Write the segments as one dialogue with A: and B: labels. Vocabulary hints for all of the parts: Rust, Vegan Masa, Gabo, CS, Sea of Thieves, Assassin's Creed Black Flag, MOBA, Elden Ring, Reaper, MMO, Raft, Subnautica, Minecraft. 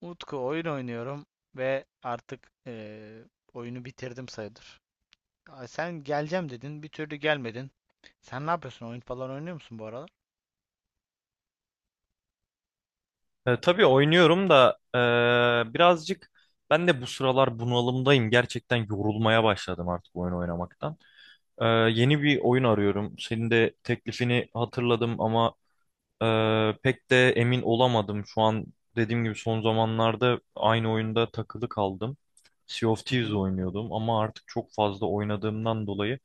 A: Utku oyun oynuyorum ve artık oyunu bitirdim sayılır. Aa, sen geleceğim dedin, bir türlü gelmedin. Sen ne yapıyorsun? Oyun falan oynuyor musun bu aralar?
B: Tabii oynuyorum da birazcık ben de bu sıralar bunalımdayım. Gerçekten yorulmaya başladım artık oyun oynamaktan. Yeni bir oyun arıyorum. Senin de teklifini hatırladım ama e, pek de emin olamadım. Şu an dediğim gibi son zamanlarda aynı oyunda takılı kaldım. Sea of
A: Hı
B: Thieves
A: hı,
B: oynuyordum ama artık çok fazla oynadığımdan dolayı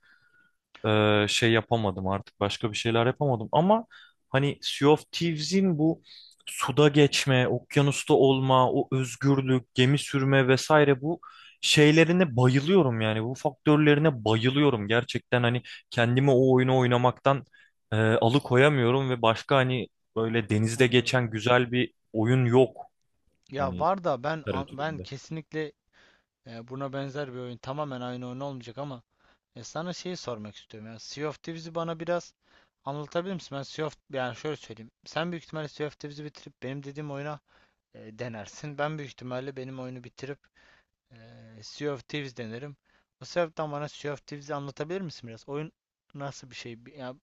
B: şey yapamadım artık başka bir şeyler yapamadım ama hani Sea of Thieves'in bu suda geçme, okyanusta olma, o özgürlük, gemi sürme vesaire bu şeylerine bayılıyorum yani bu faktörlerine bayılıyorum gerçekten hani kendimi o oyunu oynamaktan alıkoyamıyorum ve başka hani böyle denizde
A: anladım.
B: geçen güzel bir oyun yok
A: Ya
B: hani
A: var da ben
B: literatüründe.
A: kesinlikle buna benzer bir oyun, tamamen aynı oyun olmayacak ama sana şeyi sormak istiyorum. Ya Sea of Thieves'i bana biraz anlatabilir misin? Ben Sea of yani şöyle söyleyeyim. Sen büyük ihtimalle Sea of Thieves'i bitirip benim dediğim oyuna denersin. Ben büyük ihtimalle benim oyunu bitirip Sea of Thieves denerim. O sebepten bana Sea of Thieves'i anlatabilir misin biraz? Oyun nasıl bir şey? Ya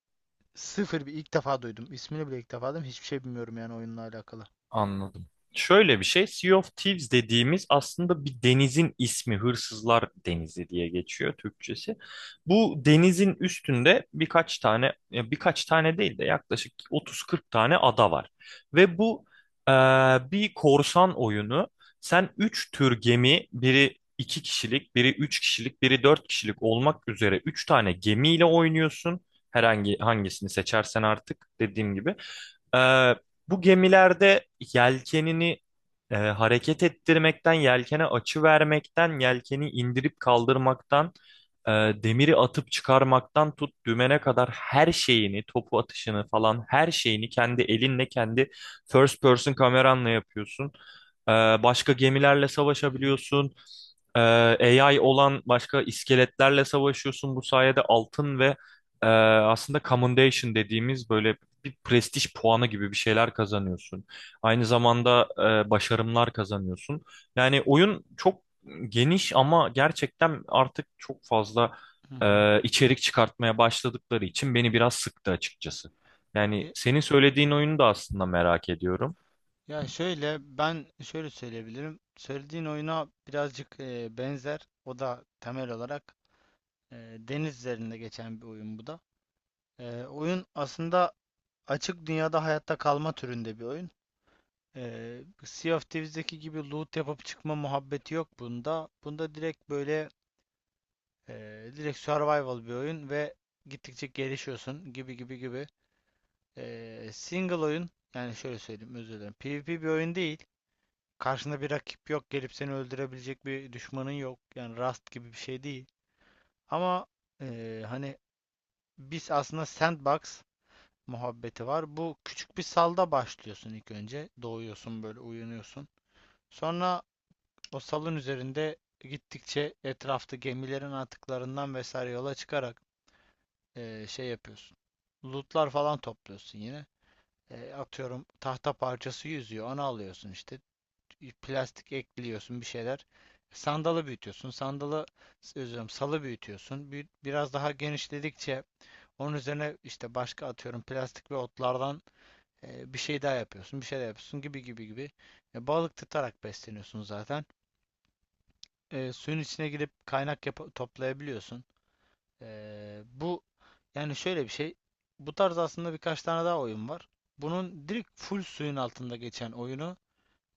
A: sıfır bir ilk defa duydum. İsmini bile ilk defa duydum. Hiçbir şey bilmiyorum yani oyunla alakalı.
B: Anladım. Şöyle bir şey, Sea of Thieves dediğimiz aslında bir denizin ismi, Hırsızlar Denizi diye geçiyor Türkçesi. Bu denizin üstünde birkaç tane, ya birkaç tane değil de yaklaşık 30-40 tane ada var. Ve bu eee, bir korsan oyunu. Sen 3 tür gemi, biri 2 kişilik, biri 3 kişilik, biri 4 kişilik olmak üzere 3 tane gemiyle oynuyorsun. Herhangi hangisini seçersen artık dediğim gibi. Ee, Bu gemilerde yelkenini hareket ettirmekten, yelkene açı vermekten, yelkeni indirip kaldırmaktan, e, demiri atıp çıkarmaktan tut dümene kadar her şeyini, topu atışını falan her şeyini kendi elinle, kendi first person kameranla yapıyorsun. Ee, Başka gemilerle
A: Hı hı,
B: savaşabiliyorsun. Ee, AI olan başka iskeletlerle savaşıyorsun. Bu sayede altın ve aslında commendation dediğimiz böyle bir prestij puanı gibi bir şeyler kazanıyorsun. Aynı zamanda başarımlar kazanıyorsun. Yani oyun çok geniş ama gerçekten artık çok fazla
A: hı hı.
B: içerik çıkartmaya başladıkları için beni biraz sıktı açıkçası. Yani
A: E,
B: senin söylediğin oyunu da aslında merak ediyorum.
A: Ya şöyle ben şöyle söyleyebilirim. Söylediğin oyuna birazcık benzer. O da temel olarak deniz üzerinde geçen bir oyun bu da. Oyun aslında açık dünyada hayatta kalma türünde bir oyun. Sea of Thieves'deki gibi loot yapıp çıkma muhabbeti yok bunda. Bunda direkt e, direkt survival bir oyun ve gittikçe gelişiyorsun gibi gibi gibi. Single oyun yani şöyle söyleyeyim, özür dilerim. PvP bir oyun değil. Karşında bir rakip yok. Gelip seni öldürebilecek bir düşmanın yok. Yani Rust gibi bir şey değil. Ama hani biz aslında sandbox muhabbeti var. Bu küçük bir salda başlıyorsun ilk önce. Doğuyorsun böyle, uyanıyorsun. Sonra o salın üzerinde gittikçe etrafta gemilerin atıklarından vesaire yola çıkarak şey yapıyorsun. Lootlar falan topluyorsun yine. Atıyorum tahta parçası yüzüyor. Onu alıyorsun işte. Plastik ekliyorsun, bir şeyler. Sandalı büyütüyorsun. Sandalı özür salı büyütüyorsun. Biraz daha genişledikçe onun üzerine işte başka atıyorum plastik ve otlardan bir şey daha yapıyorsun. Bir şey daha yapıyorsun gibi gibi gibi. E, balık tutarak besleniyorsun zaten. Suyun içine girip toplayabiliyorsun. Bu yani şöyle bir şey. Bu tarz aslında birkaç tane daha oyun var. Bunun direkt full suyun altında geçen oyunu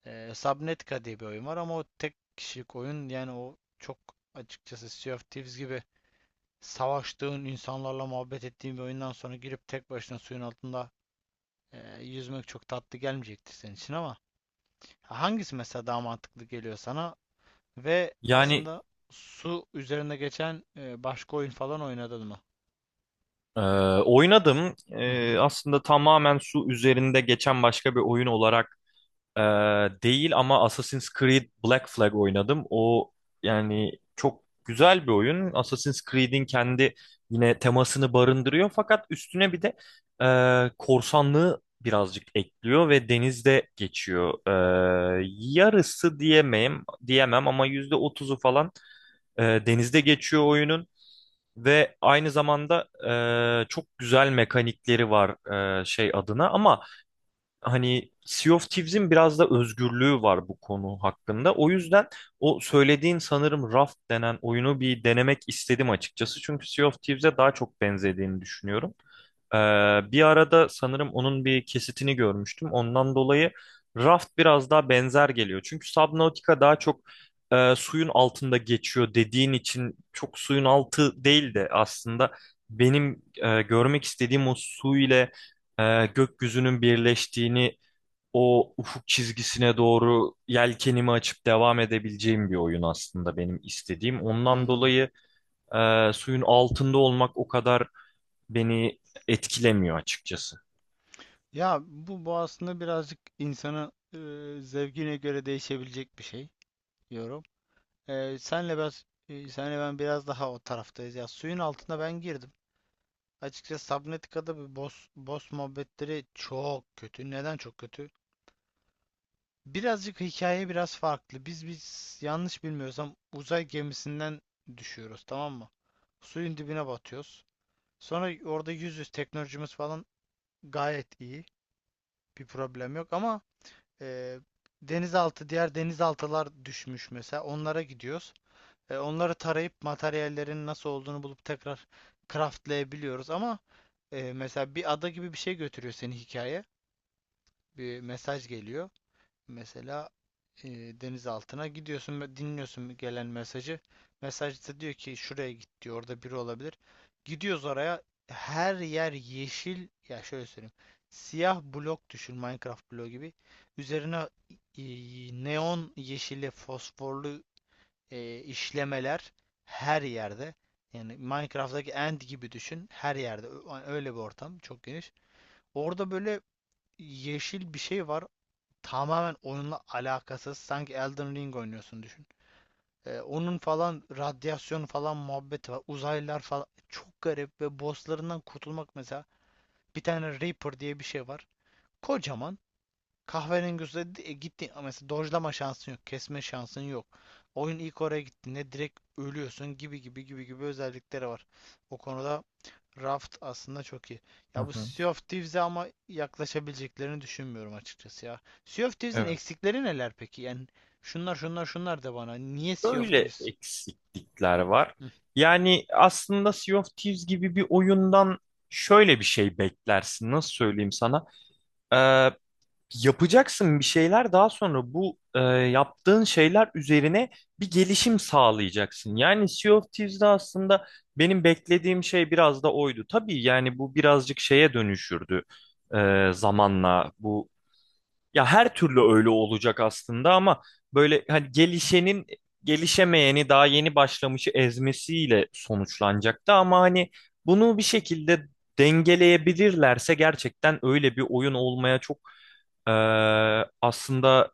A: Subnautica diye bir oyun var, ama o tek kişilik oyun. Yani o çok açıkçası, Sea of Thieves gibi savaştığın insanlarla muhabbet ettiğin bir oyundan sonra girip tek başına suyun altında yüzmek çok tatlı gelmeyecektir senin için. Ama hangisi mesela daha mantıklı geliyor sana? Ve
B: Yani
A: aslında su üzerinde geçen başka oyun falan oynadın mı?
B: e, oynadım.
A: Hı hı,
B: Aslında tamamen su üzerinde geçen başka bir oyun olarak Ee, değil ama Assassin's Creed Black Flag oynadım. O yani çok güzel bir oyun. Assassin's Creed'in kendi yine temasını barındırıyor fakat üstüne bir de korsanlığı birazcık ekliyor ve denizde geçiyor. Yarısı diyemem, diyemem ama %30'u falan denizde geçiyor oyunun. Ve aynı zamanda çok güzel mekanikleri var şey adına ama hani Sea of Thieves'in biraz da özgürlüğü var bu konu hakkında. O yüzden o söylediğin sanırım Raft denen oyunu bir denemek istedim açıkçası. Çünkü Sea of Thieves'e daha çok benzediğini düşünüyorum. Ee, Bir arada sanırım onun bir kesitini görmüştüm. Ondan dolayı Raft biraz daha benzer geliyor. Çünkü Subnautica daha çok suyun altında geçiyor dediğin için çok suyun altı değil de aslında benim görmek istediğim o su ile gökyüzünün birleştiğini o ufuk çizgisine doğru yelkenimi açıp devam edebileceğim bir oyun aslında benim istediğim. Ondan
A: anladım.
B: dolayı suyun altında olmak o kadar beni etkilemiyor açıkçası.
A: Ya bu aslında birazcık insanı zevkine göre değişebilecek bir şey diyorum. Senle ben biraz daha o taraftayız. Ya suyun altına ben girdim. Açıkçası Subnautica'da bir boss muhabbetleri çok kötü. Neden çok kötü? Birazcık hikaye biraz farklı. Biz yanlış bilmiyorsam uzay gemisinden düşüyoruz, tamam mı? Suyun dibine batıyoruz. Sonra orada yüz teknolojimiz falan gayet iyi. Bir problem yok ama e, diğer denizaltılar düşmüş mesela. Onlara gidiyoruz. Onları tarayıp materyallerin nasıl olduğunu bulup tekrar craftlayabiliyoruz. Ama mesela bir ada gibi bir şey götürüyor seni hikaye. Bir mesaj geliyor. Mesela e, deniz altına gidiyorsun ve dinliyorsun gelen mesajı. Mesajda diyor ki şuraya git diyor. Orada biri olabilir. Gidiyoruz oraya. Her yer yeşil. Ya şöyle söyleyeyim. Siyah blok düşün. Minecraft bloğu gibi. Üzerine e, neon yeşili fosforlu işlemeler her yerde. Yani Minecraft'taki end gibi düşün. Her yerde. Öyle bir ortam. Çok geniş. Orada böyle yeşil bir şey var, tamamen oyunla alakasız. Sanki Elden Ring oynuyorsun düşün. Onun falan radyasyon falan muhabbeti var. Uzaylılar falan. Çok garip ve bosslarından kurtulmak mesela. Bir tane Reaper diye bir şey var. Kocaman. Kahverengi üstüne gitti mesela, dojlama şansın yok. Kesme şansın yok. Oyun ilk oraya gittiğinde direkt ölüyorsun gibi gibi gibi gibi özellikleri var. O konuda Raft aslında çok iyi.
B: Hı
A: Ya bu
B: hı.
A: Sea of Thieves'e ama yaklaşabileceklerini düşünmüyorum açıkçası ya. Sea of Thieves'in
B: Evet.
A: eksikleri neler peki? Yani şunlar şunlar şunlar de bana. Niye Sea of
B: Böyle
A: Thieves?
B: eksiklikler var.
A: Hı,
B: Yani aslında Sea of Thieves gibi bir oyundan şöyle bir şey beklersin. Nasıl söyleyeyim sana? E, Yapacaksın bir şeyler daha sonra bu yaptığın şeyler üzerine bir gelişim sağlayacaksın. Yani Sea of Thieves'de aslında benim beklediğim şey biraz da oydu. Tabii yani bu birazcık şeye dönüşürdü zamanla bu. Ya her türlü öyle olacak aslında ama böyle hani gelişenin gelişemeyeni daha yeni başlamışı ezmesiyle sonuçlanacaktı ama hani bunu bir şekilde dengeleyebilirlerse gerçekten öyle bir oyun olmaya çok e, aslında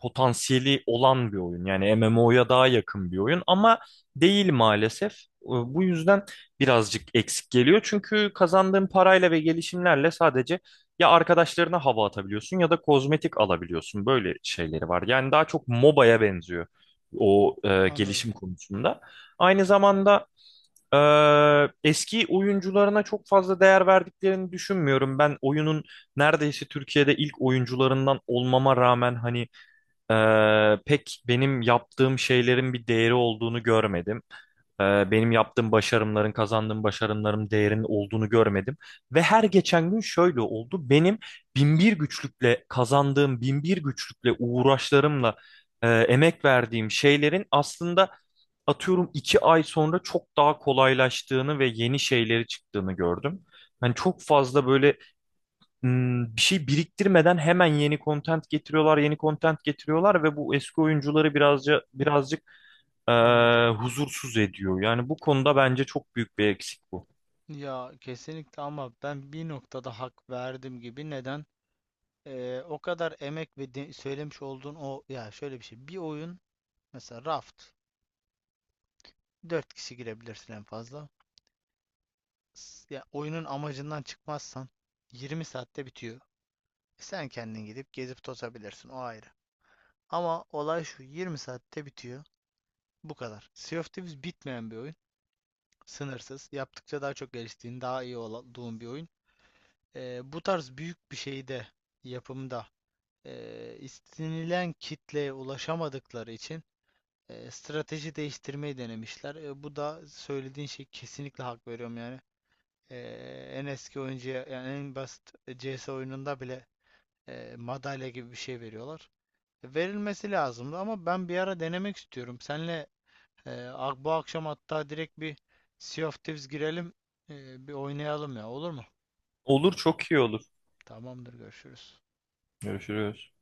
B: potansiyeli olan bir oyun. Yani MMO'ya daha yakın bir oyun ama değil maalesef. Bu yüzden birazcık eksik geliyor. Çünkü kazandığın parayla ve gelişimlerle sadece ya arkadaşlarına hava atabiliyorsun ya da kozmetik alabiliyorsun. Böyle şeyleri var. Yani daha çok MOBA'ya benziyor o
A: anladım,
B: gelişim konusunda. Aynı zamanda eski oyuncularına çok fazla değer verdiklerini düşünmüyorum. Ben oyunun neredeyse Türkiye'de ilk oyuncularından olmama rağmen hani pek benim yaptığım şeylerin bir değeri olduğunu görmedim. Benim yaptığım başarımların, kazandığım başarımların değerinin olduğunu görmedim. Ve her geçen gün şöyle oldu. Benim binbir güçlükle kazandığım, binbir güçlükle uğraşlarımla emek verdiğim şeylerin aslında atıyorum 2 ay sonra çok daha kolaylaştığını ve yeni şeyleri çıktığını gördüm. Hani çok fazla böyle bir şey biriktirmeden hemen yeni content getiriyorlar, yeni content getiriyorlar ve bu eski oyuncuları birazcık
A: anladım.
B: huzursuz ediyor. Yani bu konuda bence çok büyük bir eksik bu.
A: Ya kesinlikle ama ben bir noktada hak verdim gibi. Neden? O kadar emek söylemiş olduğun o, ya şöyle bir şey. Bir oyun mesela Raft, dört kişi girebilirsin en fazla. Ya oyunun amacından çıkmazsan 20 saatte bitiyor. Sen kendin gidip gezip tozabilirsin, o ayrı. Ama olay şu: 20 saatte bitiyor. Bu kadar. Sea of Thieves bitmeyen bir oyun. Sınırsız. Yaptıkça daha çok geliştiğin, daha iyi olduğun bir oyun. Bu tarz büyük bir şeyde, yapımda istenilen kitleye ulaşamadıkları için strateji değiştirmeyi denemişler. E, bu da söylediğin şey, kesinlikle hak veriyorum yani. E, en eski oyuncuya yani en basit CS oyununda bile madalya gibi bir şey veriyorlar. Verilmesi lazımdı. Ama ben bir ara denemek istiyorum. Senle e, bu akşam hatta direkt bir Sea of Thieves girelim, bir oynayalım ya, olur mu?
B: Olur çok iyi olur.
A: Tamamdır, görüşürüz.
B: Görüşürüz.